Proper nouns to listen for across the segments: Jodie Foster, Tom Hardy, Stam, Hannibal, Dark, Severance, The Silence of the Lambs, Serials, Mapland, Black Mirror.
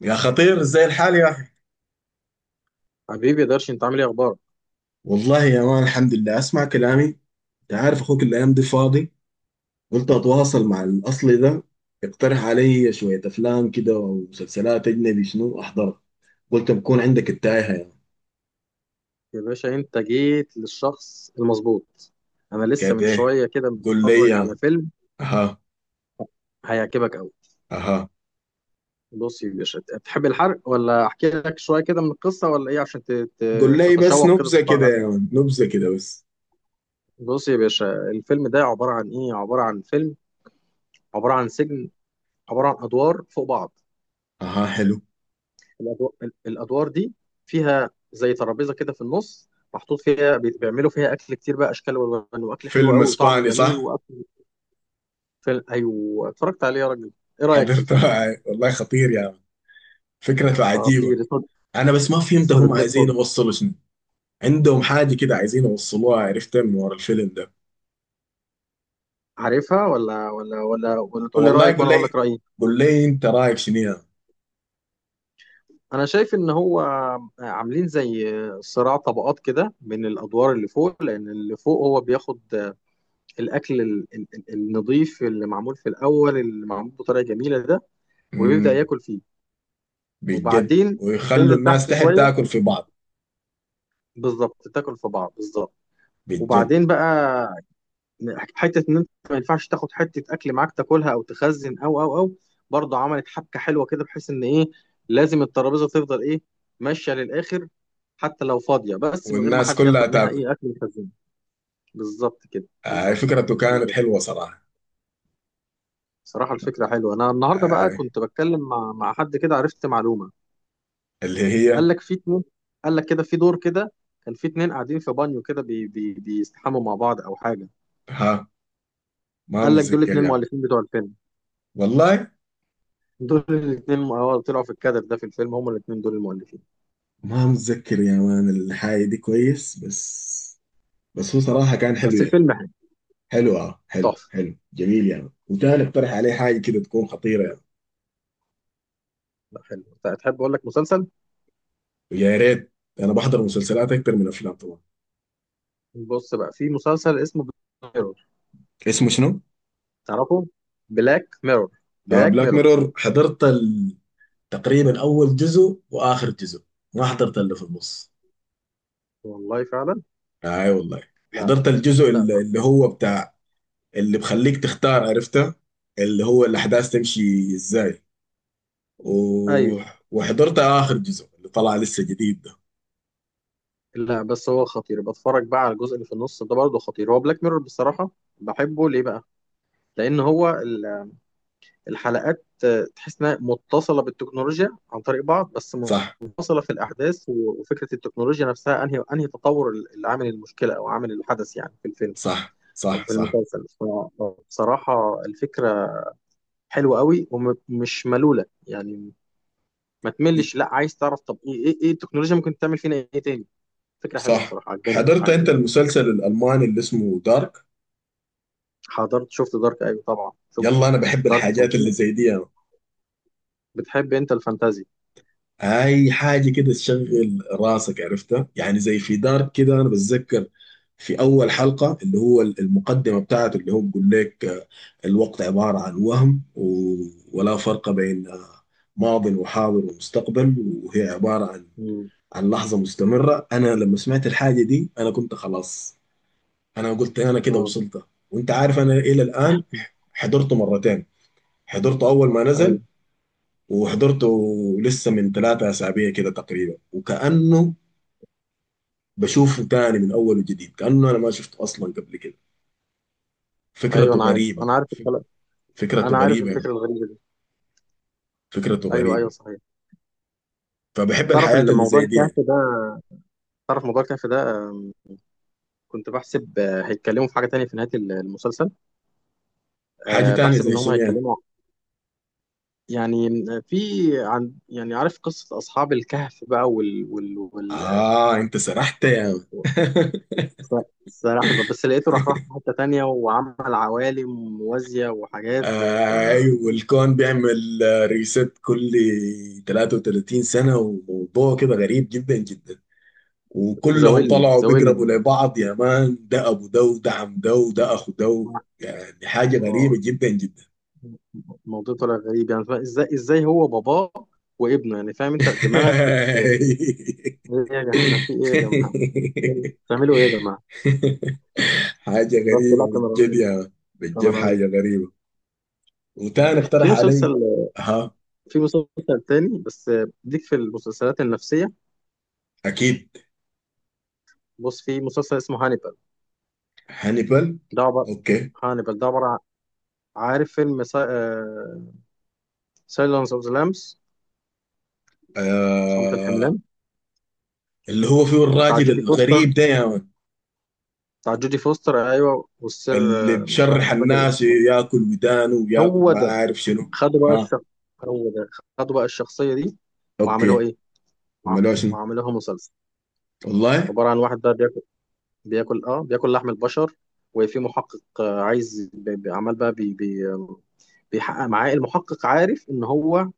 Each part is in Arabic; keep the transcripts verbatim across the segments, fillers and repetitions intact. يا خطير ازاي الحال يا اخي. حبيبي يا درش، انت عامل ايه؟ اخبارك؟ والله يا مان الحمد لله اسمع كلامي. انت عارف اخوك الايام دي فاضي، قلت اتواصل مع الاصلي ده يقترح علي شويه افلام كده ومسلسلات اجنبي شنو احضرها. قلت بكون عندك التايهه يعني. يا باشا انت جيت للشخص المظبوط. انا لسه من كده شويه كده قول لي متفرج يا على مان. فيلم اها. هيعجبك قوي. اها. بص يا باشا، تحب الحرق ولا احكي لك شويه كده من القصه ولا ايه عشان ت- قول ت- لي بس تتشوق كده نبذه تتفرج كده يا عليه؟ مان، نبذه كده بس. بص يا باشا، الفيلم ده عباره عن ايه؟ عباره عن فيلم، عباره عن سجن، عباره عن ادوار فوق بعض. اها، حلو. الادوار, الأدوار دي فيها زي ترابيزه كده في النص، محطوط فيها بي- بيعملوا فيها اكل كتير بقى، اشكال والوان، واكل حلو فيلم قوي وطعمه اسباني جميل. صح؟ فيلم، ايوه اتفرجت عليه يا راجل. ايه رايك في حضرته. الفيلم ده؟ والله خطير يا مان، فكرته عجيبه. خطير اسمه. انا بس ما فهمت اسمه ذا هم بلاد عايزين بوب. يوصلوا شنو. عندهم حاجة كده عايزين يوصلوها، عرفتها من ورا الفيلم ده. عارفها ولا ولا ولا ولا؟ تقول لي والله رايك يقول وانا اقول لي. لك رايي. قول لي انت رايك شنو يا... انا شايف ان هو عاملين زي صراع طبقات كده من الادوار اللي فوق، لان اللي فوق هو بياخد الاكل ال- ال- ال- النظيف اللي معمول في الاول، اللي معمول بطريقه جميله ده، وبيبدا امم ياكل فيه. بجد؟ وبعدين ويخلوا تنزل الناس تحت تحت شويه، تاكل في بعض؟ بالظبط تاكل في بعض بالظبط. بجد؟ وبعدين بقى، حته ان انت ما ينفعش تاخد حته اكل معاك تاكلها او تخزن او او او. برضه عملت حبكه حلوه كده، بحيث ان ايه؟ لازم الترابيزه تفضل ايه؟ ماشيه للاخر، حتى لو فاضيه، بس من غير ما والناس حد كلها ياخد منها تاكل؟ ايه؟ اكل يخزنه. بالظبط كده آه، بالظبط. فكرته كانت بالظبط. حلوة صراحة. صراحه الفكره حلوه. انا النهارده بقى آه. كنت بتكلم مع مع حد كده، عرفت معلومه. اللي قال هي؟ لك في اتنين، قال لك كده في دور كده، كان في اتنين قاعدين في بانيو كده بي بي بيستحموا مع بعض او حاجه. ها. ما قال لك دول متذكر اتنين يعني. مؤلفين بتوع الفيلم. والله دول الاثنين، اه، طلعوا في الكادر ده في الفيلم، هما الاثنين دول المؤلفين. ما متذكر يا مان الحاجة دي كويس، بس بس هو صراحة كان حلو بس يعني. الفيلم حلو. حلو، اه حلو تحفه. حلو جميل يعني، وكان اقترح عليه حاجة كده تكون خطيرة يعني. لا، حلو. طيب، تحب اقول لك مسلسل؟ يا ريت، انا بحضر مسلسلات اكتر من افلام طبعا. بص بقى، في مسلسل اسمه ميرور. اسمه شنو؟ تعرفه؟ بلاك ميرور. بلاك بلاك ميرور. ميرور، حضرت ال... تقريبا اول جزء واخر جزء، ما حضرت اللي في النص. والله فعلا. اي والله. لا. حضرت الجزء لا ده اللي اللي هو بتاع اللي بخليك تختار، عرفته، اللي هو الاحداث تمشي ازاي و... ايوه. وحضرت اخر جزء اللي طلع لسه جديد ده. لا بس هو خطير. بتفرج بقى على الجزء اللي في النص ده، برضه خطير هو بلاك ميرور بصراحه. بحبه ليه بقى؟ لان هو الحلقات آه، تحس انها متصله بالتكنولوجيا عن طريق بعض بس، صح منفصله في الاحداث، و- وفكره التكنولوجيا نفسها انهي انهي تطور ال- اللي عامل المشكله او عامل الحدث يعني في الفيلم صح او صح. في صح المسلسل. بصراحه الفكره حلوه قوي ومش ملوله يعني، ما تملش، لا، عايز تعرف طب ايه ايه ايه التكنولوجيا ممكن تعمل فينا ايه تاني. فكره حلوه صح. بصراحه، عجباني قوي، حضرت انت عجباني. المسلسل الالماني اللي اسمه دارك؟ حضرت، شفت دارك ايوه طبعا شفت. يلا انا بحب دارك الحاجات اللي فظيع. زي دي. بتحب انت الفانتازي؟ اي حاجه كده مم. تشغل راسك عرفتها يعني. زي في دارك كده، انا بتذكر في اول حلقه اللي هو المقدمه بتاعته، اللي هو بيقول لك آه، الوقت عباره عن وهم و- ولا فرق بين آه، ماض وحاضر ومستقبل، وهي عباره عن مم. عن لحظه مستمره. انا لما سمعت الحاجه دي انا كنت خلاص، انا قلت انا كده اه، وصلت. وانت عارف انا الى الان حضرته مرتين، حضرته اول ما ايوه نزل وحضرته لسه من ثلاثة أسابيع كده تقريبا، وكأنه بشوفه تاني من أول وجديد كأنه أنا ما شفته أصلا قبل كده. ايوه، فكرته انا عارف، غريبة، انا عارف فك- الكلام. فكرته انا عارف غريبة يعني، الفكره الغريبه دي. فكرته ايوه ايوه غريبة. صحيح. فبحب تعرف الحياة اللي الموضوع زي دي الكهف يعني. ده، تعرف موضوع الكهف ده؟ آم، كنت بحسب آه، هيتكلموا في حاجه تانية في نهايه ال- المسلسل. حاجة آه، تانية بحسب زي ان هم شنو يعني؟ هيتكلموا يعني في، عن يعني، عارف قصه اصحاب الكهف بقى وال وال وال آه أنت سرحت يا يعني. ف- سلاحف، بس لقيته راح راح في حته تانية وعمل عوالم موازيه وحاجات آه، أيوه، الكون بيعمل ريست كل ثلاثة وثلاثين سنة، وموضوع كده غريب جدا جدا، وكلهم فزاولني طلعوا بيقربوا زاولني. لبعض يا مان، ده ابو ده، وده عم ده، وده اخو ده، يعني حاجة غريبة اه، جدا جدا. الموضوع طلع غريب يعني. فا- ازاي ازاي هو باباه وابنه يعني؟ فاهم انت دماغك بت بت- ايه يا جماعه؟ احنا في ايه يا جماعه؟ بتعملوا ايه يا جماعه؟ حاجة بس غريبة لا، كان بالجد رهيب. يا مان. كان بالجد رهيب. حاجة غريبة. وتاني في اقترح مسلسل، علي. ها. في مسلسل تاني بس، ديك في المسلسلات النفسيه. اكيد. بص، في مسلسل اسمه هانيبال. هانيبال. ده عباره، اوكي. هانيبال ده عباره عن- عارف فيلم سايلنس اوف ذا لامبس، صمت آه، الحملان، اللي هو فيه بتاع الراجل جودي فوستر؟ الغريب ده يا مان، بتاع جودي فوستر، ايوه، والسر اللي آه، مش عارف- بشرح مش فاكر الناس اسمه. ياكل ودانه وياكل هو ما ده. عارف شنو. خدوا بقى ها. الشخص. هو ده. خدوا بقى الشخصية دي وعملوها اوكي. ايه؟ وع- عملوها شنو؟ وعملوها مسلسل. والله. عبارة عن واحد بقى بياكل، بياكل، اه، بياكل لحم البشر. وفي محقق آه، عايز بي- بي- عمال بقى بي بي آم، بيحقق معاه. المحقق عارف ان هو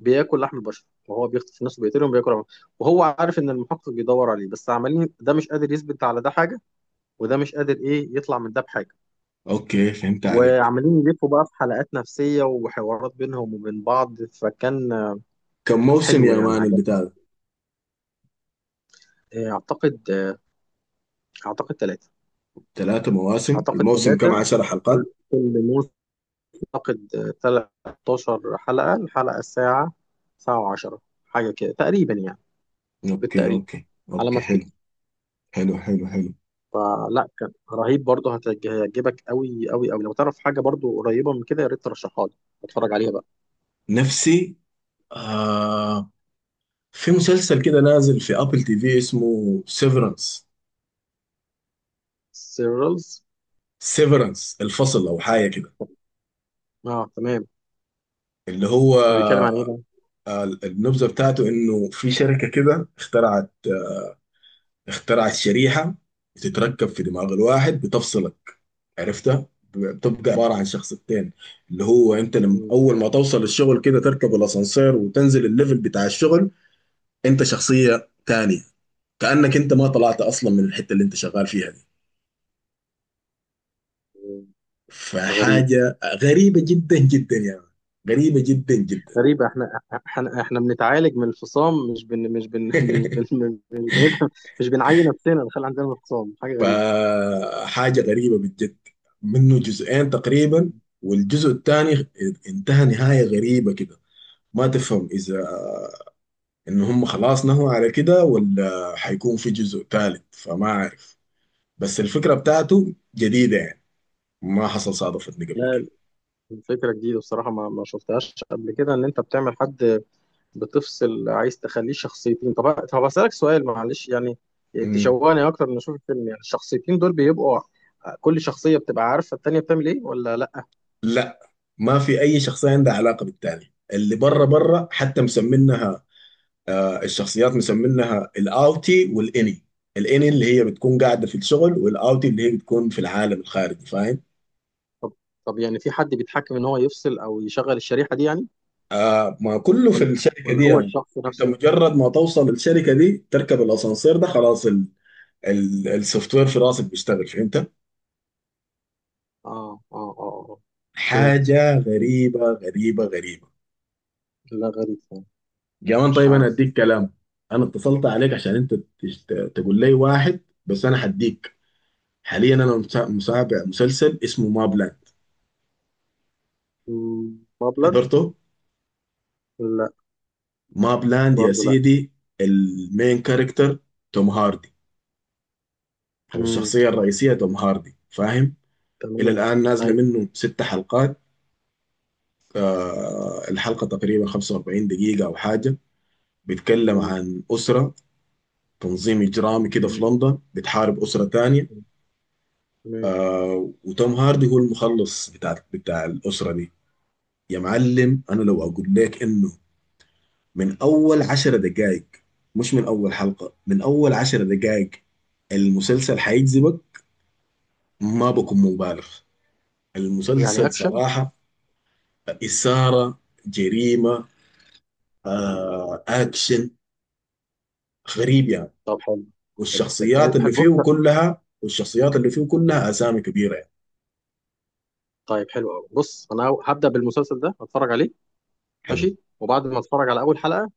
بياكل لحم البشر، وهو بيخطف الناس وبيقتلهم بياكل. وهو عارف ان المحقق بيدور عليه، بس عمالين، ده مش قادر يثبت على ده حاجة، وده مش قادر ايه، يطلع من ده بحاجة. اوكي، فهمت عليك. وعمالين يلفوا بقى في حلقات نفسية وحوارات بينهم وبين بعض. فكان آه، كم موسم حلو يا يعني، مان عجبني. البتاع ده؟ آه، اعتقد آه، اعتقد ثلاثة. ثلاثة مواسم، اعتقد الموسم كم؟ ثلاثة. عشر كل حلقات كل موسم اعتقد آه، تلتاشر حلقة، الحلقة الساعة، ساعة و10 حاجة كده تقريبا يعني، اوكي بالتقريب، اوكي على ما اوكي، حلو. افتكر. حلو حلو حلو. فلا، كان رهيب برضه. هتعج- هيعجبك قوي قوي قوي. لو تعرف حاجة برضه قريبة من كده يا ريت ترشحها لي، اتفرج عليها بقى. نفسي. آه، في مسلسل كده نازل في ابل تي في اسمه سيفرنس. سيرلز. سيفرنس، الفصل او حاجة كده. اه، تمام. اللي هو هو بيتكلم عن ايه ده؟ آه، النبذة بتاعته انه في شركة كده اخترعت آه، اخترعت شريحة بتتركب في دماغ الواحد بتفصلك، عرفتها، بتبقى عبارة عن شخصيتين. اللي هو انت لما مم. اول ما توصل الشغل كده تركب الاسانسير وتنزل الليفل بتاع الشغل انت شخصية تانية، كأنك انت ما طلعت اصلا من الحتة اللي انت شغال فيها دي. مم. غريب. فحاجة غريبة جدا جدا يعني. غريبة جدا جدا. غريب. احنا، احنا، احنا بنتعالج من الفصام، مش بن مش بن مش بن مش بنعين نفسنا نخلي عندنا انفصام، حاجه غريبه. فحاجة غريبة بالجد. منه جزئين تقريبا، والجزء الثاني انتهى نهاية غريبة كده، ما تفهم إذا ان هم خلاص نهوا على كده ولا حيكون في جزء ثالث، فما عارف. بس الفكرة بتاعته جديدة يعني، ما حصل صادفتني قبل لا، كده. الفكره جديده بصراحه، ما ما شفتهاش قبل كده، ان انت بتعمل حد بتفصل، عايز تخليه شخصيتين. طب طب اسالك سؤال، معلش يعني، مم. تشوقني اكتر من اشوف الفيلم. يعني الشخصيتين دول بيبقوا كل شخصيه بتبقى عارفه التانيه بتعمل ايه ولا لا؟ لا، ما في اي شخصية عندها علاقة بالتاني، اللي بره بره حتى مسمينها، آه، الشخصيات مسمينها الاوتي والاني. الاني اللي هي بتكون قاعدة في الشغل، والاوتي اللي هي بتكون في العالم الخارجي، فاهم؟ طب طب يعني في حد بيتحكم ان هو يفصل او يشغل الشريحه دي يعني، آه، ما كله في ولا الشركة ولا دي هو يعني. الشخص انت نفسه؟ مجرد ما توصل الشركة دي تركب الاسانسير ده خلاص، السوفت وير في راسك بيشتغل، فهمت؟ اه اه اه. آه. فهمت. حاجه مم. غريبه غريبه غريبه. لا، غريب فعلا. كمان مش طيب انا عارف. اديك كلام. انا اتصلت عليك عشان انت تش- ت- تقول لي واحد، بس انا هديك. حاليا انا مسا- متابع مسلسل اسمه ماب لاند. مم. مبلغ. حضرته؟ لا. ماب لاند يا برضو لا. سيدي. المين كاركتر توم هاردي، او مم. الشخصيه الرئيسيه توم هاردي، فاهم؟ الى تمام. الان نازله ايوه. منه ست حلقات. آه، الحلقه تقريبا خمسة واربعين دقيقه او حاجه. بيتكلم مم. عن اسره، تنظيم إجرامي كده في تمام. لندن، بتحارب أسرة تانية. مم. تمام. آه، وتوم هاردي هو المخلص بتاع بتاع الأسرة دي. يا معلم، أنا لو مم. أقول لك إنه من أول عشر دقايق، مش من أول حلقة، من أول عشر دقايق المسلسل حيجذبك، ما بكون مبالغ. يعني المسلسل اكشن؟ صراحة إثارة، جريمة، آه أكشن، غريب يعني. طب حلو. حلو حلو والشخصيات اللي حلو. بص، فيه كلها، والشخصيات اللي فيه كلها أسامي كبيرة يعني. طيب حلو قوي. بص انا هو- هبدا بالمسلسل ده، هتفرج عليه حلو. ماشي، وبعد ما اتفرج على اول حلقه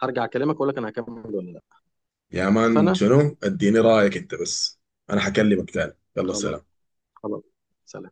هرجع اكلمك اقول لك انا هكمل ولا لا. يا مان اتفقنا. شنو، اديني رايك انت بس. انا هكلمك تاني. يلا خلاص سلام. خلاص. سلام.